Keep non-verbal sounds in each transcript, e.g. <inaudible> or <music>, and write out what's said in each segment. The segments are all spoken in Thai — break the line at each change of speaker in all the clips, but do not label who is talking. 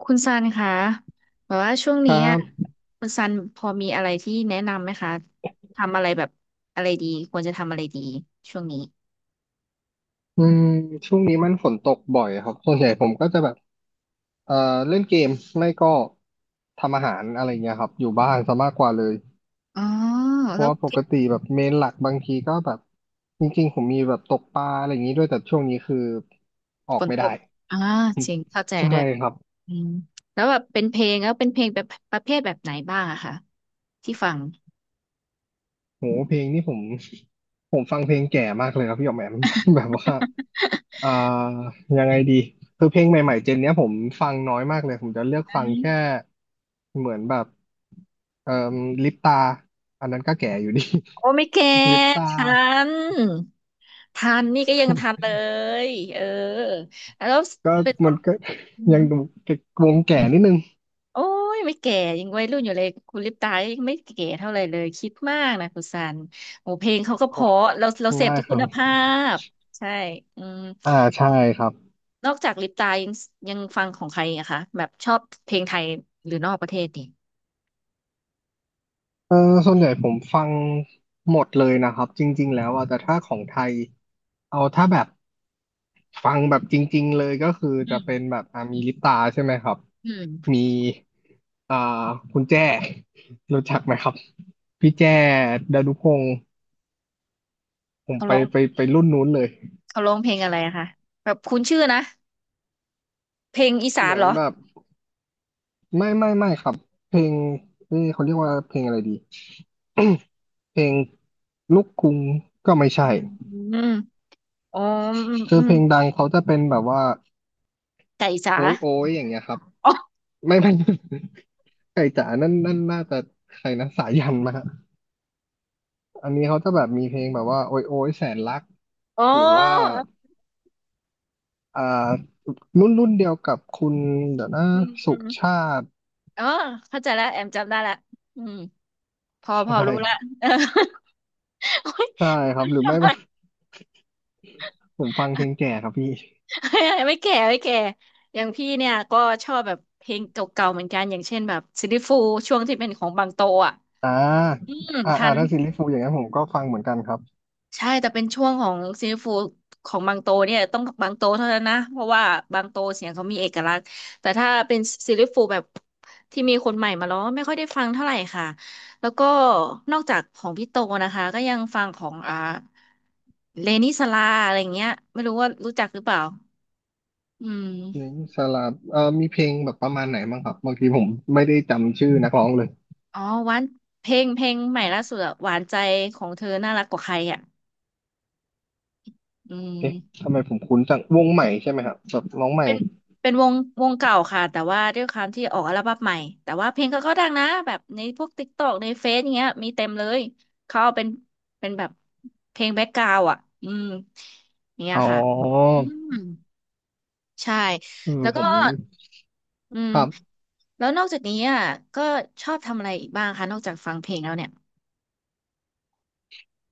คุณซันคะแบบว่าช่วง
ค
นี้
รั
อ่ะ
บ
คุณซันพอมีอะไรที่แนะนำไหมคะ ทำอะไรแบบอะไรดีควรจะทำอะไรดีช่วงนี้
อืมช่วงนี้มันฝนตกบ่อยครับ ส่วนใหญ่ผมก็จะแบบเอ่อเล่นเกมไม่ก็ทำอาหารอะไรเงี้ยครับอยู่บ้านซะมากกว่าเลย
อ๋อ
เพ
แล้
ราะ
ว
ว่าปกติแบบเมนหลักบางทีก็แบบจริงๆ ผมมีแบบตกปลาอะไรอย่างนี้ด้วยแต่ช่วงนี้คือออ
ฝ
ก
น
ไม่
ต
ได้
กอ่าจริงเข้าใจ
ใช่
ด้วย
ครับ
อืมแล้วแบบเป็นเพลงแล้วเป็นเพลงแบบประเภทแบบไหนบ้างอะคะที่ฟัง
โหเพลงนี่ผม <laughs> ผมฟังเพลงแก่มากเลยครับพี่หยอกแหมม <laughs> แบบว่าอ่ายังไงดีคือเพลงใหม่ๆเจนเนี้ยผมฟังน้อยมากเลยผมจะเลือก
อื
ฟัง
ม
แค่
<laughs>
เหมือนแบบเอ่อลิปตาอันนั้นก็แก่อยู่ดี
โอ้ไม่แก่
<laughs> ลิป
ต
ตา
ทันทันนี่ก็ยังทันเล
<laughs>
ยเออแล้ว
ก็
เป็น
มันก็
อืม
ยังดูวงแก่นิดนึง
โอ้ยไม่แก่ยังวัยรุ่นอยู่เลยคุณลิปตายังไม่แก่เท่าไหร่เลยคิดมากนะคุณซันโอ้เพลงเขาก็
<laughs>
เพ
โอ้
ราะเราเสพ
ได้
ที่
ค
คุ
รั
ณ
บ
ภาพใช่อืม
อ่าใช่ครับ
นอกจากลิปตายังฟังของใครอะคะแบบชอบเพลงไทยหรือนอกประเทศดี
เออส่วนใหญ่ผมฟังหมดเลยนะครับจริงๆแล้วอ่ะแต่ถ้าของไทยเอาถ้าแบบ ฟังแบบจริงๆเลยก็คือ
อื
จะ
ม
เป็นแบบอ่ะมีลิปตาใช่ไหมครับ
อืม
มีอ่าคุณแจ้ <laughs> รู้จักไหมครับพี่แจ้ดานุพงศ์ผม
เขา
ไป
ร้อง
ไปไปรุ่นนู้นเลย
เขาร้องเพลงอะไรอะคะแบบคุ้นชื่อนะเพลงอีสา
เห
น
มือ
เหร
น
อ
แบบไม่ครับเพลงเอ้ยเขาเรียกว่าเพลงอะไรดี <coughs> เพลงลูกกรุงก็ไม่ใช่
อืมอืมมอ๋ออืม
คื
อื
อเพ
ม
ลงดังเขาจะเป็นแบบว่า
ไก่จ๋า
โอ้ยโอ้ยอย่างเงี้ยครับ
อ๋อ
ไม่ <laughs> ไก่จ๋านั่นน่าจะใครนะสายันมา อันนี้เขาจะแบบมีเพลงแบบว่าโอยโอยแสนรัก
อ๋อ
หรือว่าอ่ารุ่นเดียวกับคุณเดี๋ยวนะ
อืมอื
สุ
ม
ชาติ
อ๋อเข้าใจแล้วแอมจำได้ละอืม พอพอ
ใช่
รู้ละ <laughs> เออโอ๊ย
ใช่ครับหรือไม่ <laughs> ผมฟังเพลงแก่ครับพี่
<laughs> ไม่แก่ไม่แก่อย่างพี่เนี่ยก็ชอบแบบเพลงเก่าๆเหมือนกัน อย่างเช่นแบบซิลลี่ฟูลส์ช่วงที่เป็นของบางโตอ่ะ
อ่า
อืม
อ่า
ทั
อ่า
น
ถ้าซิรีส์ฟูอย่างนั้นผมก็ฟังเหมือนกันครับ
ใช่แต่เป็นช่วงของซิลลี่ฟูลของบางโตเนี่ยต้องบางโตเท่านั้นนะเพราะว่าบางโตเสียงเขามีเอกลักษณ์แต่ถ้าเป็นซีรลี่ฟูลแบบที่มีคนใหม่มาร้องไม่ค่อยได้ฟังเท่าไหร่ค่ะแล้วก็นอกจากของพี่โตนะคะก็ยังฟังของเลนิสลาอะไรอย่างเงี้ยไม่รู้ว่ารู้จักหรือเปล่า อื
เพลง
ม
สลับมีเพลงแบบประมาณไหนบ้างครับบางทีผมไม่ได้จำชื่อนักร้องเลย
อ๋อหวานเพลงใหม่ล่าสุดอะหวานใจของเธอน่ารักกว่าใครอ่ะอื
เอ๊ะ
ม
ทำไมผมคุ้นจังวงใหม่ใช่ไหมครับแบบน้องใหม่
เป็นเป็นวงวงเก่าค่ะแต่ว่าด้วยความที่ออกอัลบั้มใหม่แต่ว่าเพลงเขาก็ดังนะแบบในพวกติ๊กตอกในเฟซอย่างเงี้ยมีเต็มเลยเขาเอาเป็นเป็นแบบเพลงแบ็กกราวด์อ่ะอืมอย่างเนี้
อ๋
ย
อ
ค่ะ อืมใช่
เออ
แล้ว
ผ
ก็
ม
อืม
ครับ
แล้วนอกจากนี้อ่ะก็ชอบทำอะไรอีกบ้างคะนอกจากฟังเพลงแล้วเนี่ย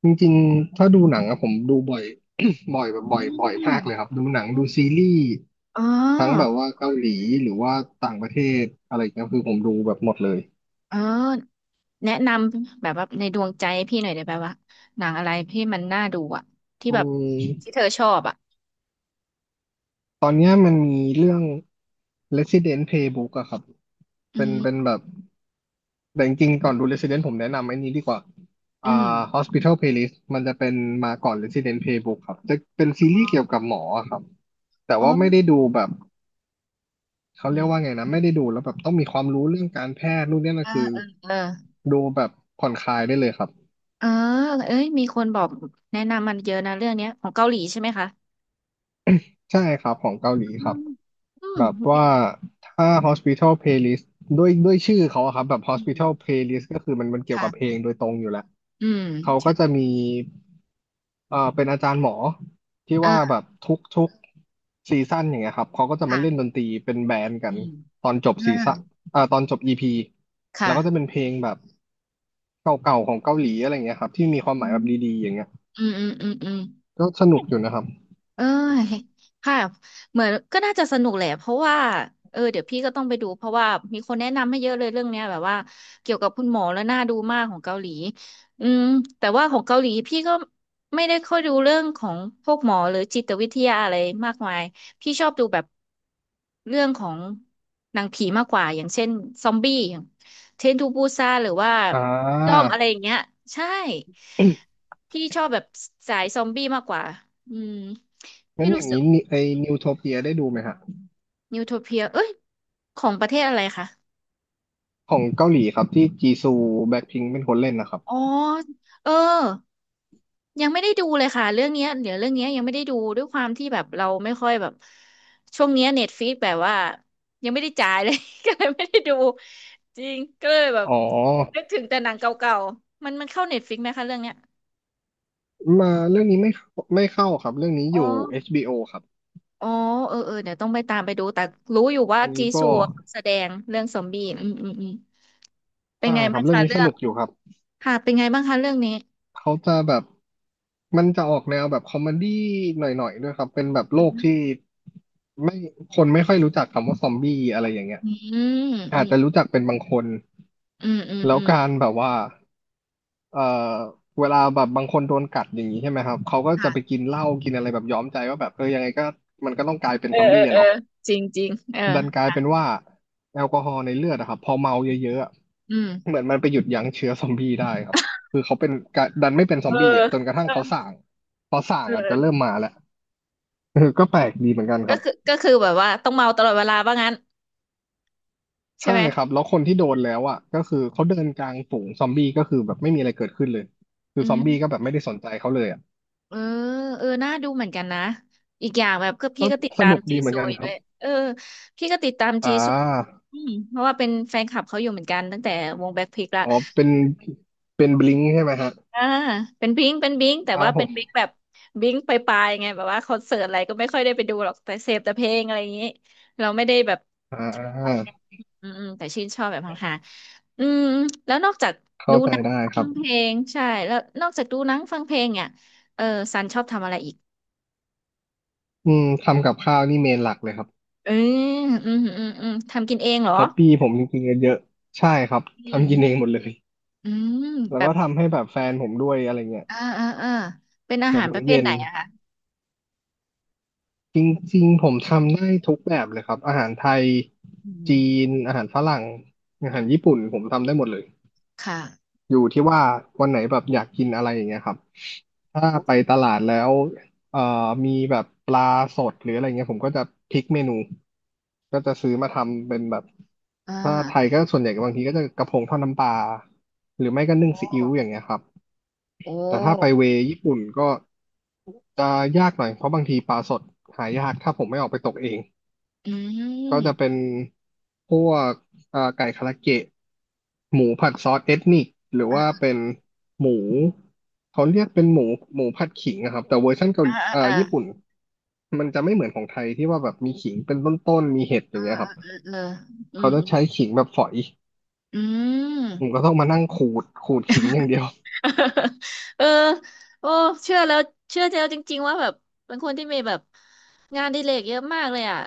จริงๆถ้าดูหนังอะผมดูบ่อย <coughs> บ่อยแบบ
อื
บ่อยมากเลยครั
ม
บดูหนังดูซีรีส์
อ๋อ
ทั้งแบบว่าเกาหลีหรือว่าต่างประเทศอะไรเงี้ยคือผมดูแบบหมดเลย
เออแนะนำแบบว่าในดวงใจพี่หน่อยได้ไหมว่าหนังอะไรที่มันน่าดูอ่ะที่
อื
แบบที่
ม
เธอชอบอ่ะ
ตอนเนี้ยมันมีเรื่อง Resident Playbook อะครับ
อื
เป็น
ม
แบบแต่จริงๆก่อนดู Resident ผมแนะนำไอ้นี้ดีกว่า
อื
อ่า
ม
Hospital Playlist มันจะเป็นมาก่อน Resident Playbook ครับจะเป็นซีรีส์เกี่ยวกับหมอครับแต่
โอ้
ว่าไม่ได้ดูแบบ เขาเรียกว่า
ย
ไงนะไม่ได้ดูแล้วแบบต้องมีความรู้เรื่องการแพทย์นู่นนี่
เอ
นั่น
อ
คือ
เออเออ
ดูแบบผ่อนคลายได้เลยครับ
เออเอ้ยมีคนบอกแนะนำมันเยอะนะเรื่องเนี้ยของเกาหลีใช่ไหมคะ
ใช่ครับของเกาหลี
อื
ครับ
มอืม
แบบว่าถ้า Hospital Playlist ด้วยชื่อเขาอะครับแบบ
อืม
Hospital Playlist ก็คือมันเกี่ยวกับเพ
ค่ะ
ลงโดยตรงอยู่แล้ว
อืม
เขาก็
ใช่
จะมีเป็นอาจารย์หมอที่
อ่า
ว่าแบบทุกซีซั่นอย่างเงี้ยครับเขาก็จะมาเล่นด
ค่ะ
นตรีเป็นแบนด์กั
อื
น
ม
ตอนจบซีซั่น
อ่า
อ่าตอนจบ EP
ค่ะ
แล้วก็จะเป็นเพลงแบบเก่าๆของเกาหลีอะไรอย่างเงี้ยครับที่มีความ
อื
หมายแบ
ม
บดีๆอย่างเงี้ย
อืมอืมอืมอืม
ก็สนุกอยู่นะครับ
เอ้ยค่ะเหมือนก็น่าจะสนุกแหละเพราะว่าเออเดี๋ยวพี่ก็ต้องไปดูเพราะว่ามีคนแนะนำให้เยอะเลยเรื่องเนี้ยแบบว่าเกี่ยวกับคุณหมอแล้วน่าดูมากของเกาหลีอืมแต่ว่าของเกาหลีพี่ก็ไม่ได้ค่อยดูเรื่องของพวกหมอหรือจิตวิทยาอะไรมากมายพี่ชอบดูแบบเรื่องของหนังผีมากกว่าอย่างเช่นซอมบี้อย่างเทรนทูบูซานหรือว่า
อ่
ด้อม
า
อะไรอย่างเงี้ยใช่ พี่ชอบแบบสายซอมบี้มากกว่าอืม
งั้
พี่
นอ
รู้
ย่าง
สึก
นี้นิไอ้นิวโทเปียได้ดูไหมฮะ
นิวโทเปียเอ้ยของประเทศอะไรคะ
ของเกาหลีครับที่จีซูแบ็คพิงค์เป็นคนเล่นนะครับ
อ๋อเออยังไม่ได้ดูเลยค่ะเรื่องเนี้ยเดี๋ยวเรื่องเนี้ยยังไม่ได้ดูด้วยความที่แบบเราไม่ค่อยแบบช่วงเนี้ยเน็ตฟ i ิกแบบว่ายังไม่ได้จ่ายเลย <laughs> ก็เลยไม่ได้ดูจริงก็เลยแบบ
อ๋อ
นึกถึงแต่หนังเก่าๆมันมันเข้าเน็ตฟ i ิกไหมคะเรื่องเนี้ย
มาเรื่องนี้ไม่เข้าไม่เข้าครับเรื่องนี้
อ๋
อ
อ
ยู่ HBO ครับ
อ๋อเออเออเดี๋ยวต้องไปตามไปดูแต่รู้อยู่ว่า
อัน
จี
นี้
ซั
ก็
วแสดงเรื่องซอมบี้อืมอืมอืม เป็น
ใช่
ไง
ครั
บ้า
บ
ง
เรื่อง
คะ
นี้
เรื่
ส
อง
นุกอยู่ครับ
ค่ะเป็นไงบ้างคะเรื่องนี้
เขาจะแบบมันจะออกแนวแบบคอมเมดี้หน่อยๆด้วยครับเป็นแบบโล
อื
กที่
ม
ไม่คนไม่ค่อยรู้จักคำว่าซอมบี้อะไรอย่างเงี้ย
อื
อาจจะ
ม
รู้จักเป็นบางคน
อืมอืม
แล้
อื
ว
ม
การแบบว่า เอ่อเวลาแบบบางคนโดนกัดอย่างนี้ใช่ไหมครับ เขาก็จะไป
ค่ะ
กินเหล้ากินอะไรแบบย้อมใจว่าแบบเออยังไงก็มันก็ต้องกลายเป็น
เออ
ซอม
เอ
บี้
อ
อะ
เออ
เนาะ
จริงจริงเออ
ดันกลายเป็น
ค่ะ
ว่าแอลกอฮอล์ในเลือดอะครับพอเมาเยอะๆอะ
อืม
เหมือนมันไปหยุดยั้งเชื้อซอมบี้ได้ครับคือเขาเป็นกะดันไม่เป็นซ
เอ
อม
อ
บี้อ่ะจนกระทั่
เอ
ง
อ
เขาส่างพอส่าง
เอ
อาจจะเริ่ม
อ
มาแล้ว <laughs> เออก็แปลกดีเหมือนกันค
ก็
รับ
คือก็คือแบบว่าต้องเมาตลอดเวลาว่างั้นใช่
ใช่
ไหม
ครับแล้วคนที่โดนแล้วอ่ะก็คือเขาเดินกลางฝูงซอมบี้ก็คือแบบไม่มีอะไรเกิดขึ้นเลยคือ
อื
ซอมบี้ก็แบ
ม
บไม่ได้สนใจเขาเลยอ่ะ
เออเออน่าดูเหมือนกันนะอีกอย่างแบบก็พี่
ก็
ก็ติด
ส
ตาม
นุก
จี
ดีเหมือ
ซู
นกัน
ย
ค
ด้
รั
ว
บ
ยเออพี่ก็ติดตาม
อ่
จีซู
า
อืมเพราะว่าเป็นแฟนคลับเขาอยู่เหมือนกันตั้งแต่วงแบ็คพิงค์ละ
อ๋อเป็นบลิงใช่ไหมฮะ
อ่าเป็นบิงเป็นบิงแต่
อ้า
ว่า
วผ
เป็น
ม
บิงแบบบิงไปปลายๆไงแบบว่าคอนเสิร์ตอะไรก็ไม่ค่อยได้ไปดูหรอกแต่เสพแต่เพลงอะไรอย่างนี้เราไม่ได้แบบ
อ่า
อืมอืมแต่ชื่นชอบแบบห่างๆอืมแล้วนอกจาก
เข้า
ดู
ใจ
หนัง
ได้ค
ฟั
รั
ง
บ
เพลงใช่แล้วนอกจากดูหนังฟังเพลงเนี่ยเออซันชอบทำอะไรอีก
อืมทำกับข้าวนี่เมนหลักเลยครับ
เอออืมอืมอืมทำกินเองเหรอ
ฮอปปี้ผมจริงๆเยอะๆใช่ครับ
อืม
ทำกินเองหมดเลย
อืม
แล้ว
แบ
ก็
บ
ทำให้แบบแฟนผมด้วยอะไรเงี้ย
อ่าอ่าอ่าเป็นอา
แบ
หา
บ
รป
มื้
ระ
อ
เภท
เย็
ไห
น
นอะคะ
จริงๆผมทำได้ทุกแบบเลยครับ อาหารไทย
อื
จี
ม
น อาหารฝรั่ง อาหารญี่ปุ่นผมทำได้หมดเลย
ค่ะ
อยู่ที่ว่าวันไหนแบบอยากกินอะไรอย่างเงี้ยครับถ้า
โอ
ไป
้
ตลาดแล้วเอ่อมีแบบปลาสดหรืออะไรเงี้ยผมก็จะพลิกเมนูก็จะซื้อมาทำเป็นแบบ
อ่
ถ้าไทย
า
ก็ส่วนใหญ่บางทีก็จะกระพงทอดน้ำปลาหรือไม่ก็นึ่ง
โอ้
ซีอิ๊วอย่างเงี้ยครับ
โอ
แต่ถ้าไป
้
เวย์ญี่ปุ่นก็จะยากหน่อยเพราะบางทีปลาสดหายากถ้าผมไม่ออกไปตกเอง
อื
ก็จะ
ม
เป็นพวกไก่คาราเกะหมูผัดซอสเอทนิคหรือว่า
เอ
เป็นหมูเขาเรียกเป็นหมูผัดขิงนะครับแต่เวอร์ชันเกาห
อา
ลี
อ่าอ่า
ญี่ปุ่นมันจะไม่เหมือนของไทยที่ว่าแบบมีขิงเป็นต้นๆมีเห็ดอ
อ่า
ย่างเงี้ย
อ
ค
อ
รับ
เอออื
เขา
ม
จะใช้ขิงแบบฝอย
อืม
ผมก็ต้องมานั่งขูดขิงอย่างเดียว
<laughs> เออโอ้เชื่อแล้วเชื่อแล้วจริงๆว่าแบบเป็นคนที่มีแบบงานอดิเรกเยอะมากเลยอ่ะ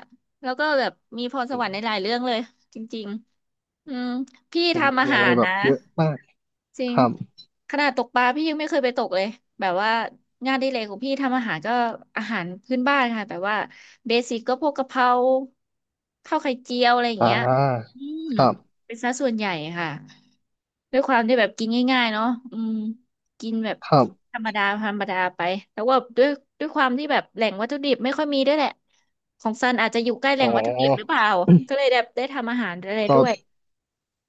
แล้วก็แบบมีพรสวรรค์ในหลายเรื่องเลยจริงๆอืมพี่
ผม
ทำอา
มีอะ
หา
ไร
ร
แบบ
นะ
เยอะมาก
จริ
ค
ง
รับ
ขนาดตกปลาพี่ยังไม่เคยไปตกเลยแบบว่างานอดิเรกของพี่ทำอาหารก็อาหารพื้นบ้านค่ะแบบว่าเบสิกก็พวกกะเพราข้าวไข่เจียวอะไรอย่าง
อ่
เงี้ย
า
อืมเป็นซะส่วนใหญ่ค่ะด้วยความที่แบบกินง่ายๆเนาะอืมกินแบบ
ครับ
ธรรมดาธรรมดาไปแต่ว่าด้วยความที่แบบแหล่งวัตถุดิบไม่ค่อยมีด้วยแหละของซันอาจจะอยู่ใกล้แหล่
อ๋
งวัตถุดิบหรือ
อ
เปล่าก็เลยแบบได้ทำอาหารอะไร
ก็
ด้วย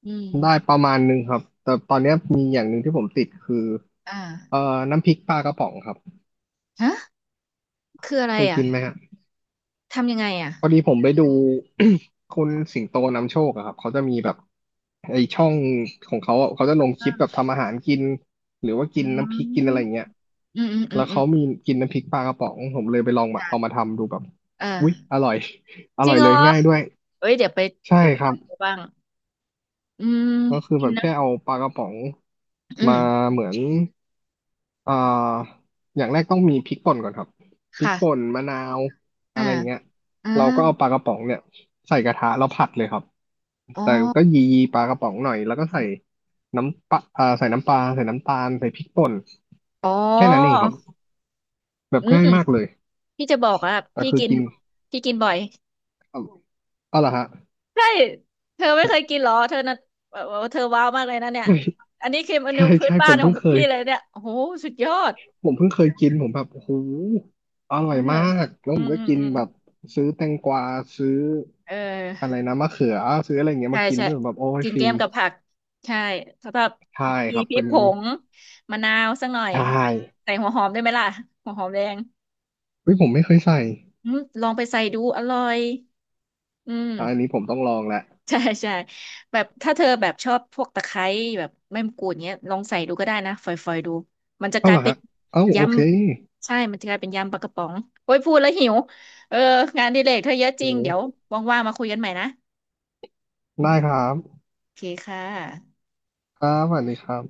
อืม
ได้ประมาณหนึ่งครับแต่ตอนเนี้ยมีอย่างหนึ่งที่ผมติดคือ
อ่า
น้ำพริกปลากระป๋องครับ
ฮะคืออะไร
เคย
อ่ะ
กินไหมฮะ
ทำยังไงอ่ะ
พอดีผมไปดู <coughs> คุณสิงโตนำโชคอะครับเขาจะมีแบบไอช่องของเขาอะเขาจะลงคลิป
อ
แบบทำอาหารกินหรือว่า
อื
กิน
ม
น้ำพริกกินอะไรอย่างเงี้ย
อืมอืมอื
แล้
ม
ว
อื
เขา
ม
มีกินน้ำพริกปลากระป๋องผมเลยไปลองมาเอามา
ค่ะ
ทำดูแบบ
เออ
อุ๊ยอร่อย <laughs> อ
จริ
ร่อ
ง
ย
เหร
เล
อ
ยง่ายด้วย
เอ้ยเดี๋ยวไป
ใช่
เดี๋ยวไป
ค
ล
รั
อ
บ
งดูบ้างอืม
ก็คือ
กิ
แบ
น
บ
นะ
แค่เอาปลากระป๋อง
อื
มา
ม
เหมือน เอ่ออย่างแรกต้องมีพริกป่นก่อนครับพริกป่
ค่ะ
นมะนาวอะ
อ่า
ไรเงี้ย
อ่า
เราก็เอาปลากระป๋องเนี่ยใส่กระทะแล้วผัดเลยครับ
อ๋อ
แต่ก็ยีปลากระป๋องหน่อยแล้วก็ใส่น้ำปลาเอ่าใส่น้ำปลาใส่น้ำตาลใส่พริกป่น
อ๋อ
แค่นั้นเองครับแบบ
อื
ง่า
ม
ยมากเลย
พี่จะบอกอ่ะ
แต่
พี่
คือ
กิน
กิน
พี่กินบ่อย
เอาเอาเหรอฮะ
ใช่ เธอไม่เคยกินเหรอ เธอน่ะเออเธอว้าวมากเลยนะเนี่ย อันนี้คือเม
<laughs> ใช่
นู
ใช่
พื้น
ใช่ผ
บ้าน
ม
ขอ
เพิ่
ง
งเค
พี่
ย
เลยเนี่ยโอ้โหสุดยอด
ผมเพิ่งเคยกินผมแบบโอ้โหอ
เอ
ร่อ
อ
ยมากแล้ว
อื
ผม
ม
ก็
อืม
กิน
อืม
แบบซื้อแตงกวาซื้อ
เออ
อะไรนะมะเขือซื้ออะไรอย่างเงี้ย
ใช่
มากิน
ใช่
ด้วยแบบโอ้ย
กิน
ฟิ
แกล้
น
มกับผักใช่แล้วก็
ใช่
มี
ครับ
พริ
เป็
ก
น
ผงมะนาวสักหน่อย
ใช่
ใส่หัวหอมได้ไหมล่ะหัวหอมแดง
เฮ้ยผมไม่เคยใส่
อืมลองไปใส่ดูอร่อยอืม
อะอันนี้ผมต้องลองแหละ
ใช่ใช่แบบถ้าเธอแบบชอบพวกตะไคร้แบบใบมะกรูดเงี้ยลองใส่ดูก็ได้นะฝอยๆดูมันจะก
เอ้า
ลา
เห
ย
รอ
เป็น
ฮะเอ้า
ย
โอเค
ำใช่มันจะกลายเป็นยำปลากระป๋องโอ้ยพูดแล้วหิวเอองานอดิเรกเธอเยอะจริ
โอ้
งเดี๋ยวว่างๆมาคุยกันใหม่นะ
ได้ครับ
โอเคค่ะ
ครับสวัสดีครับ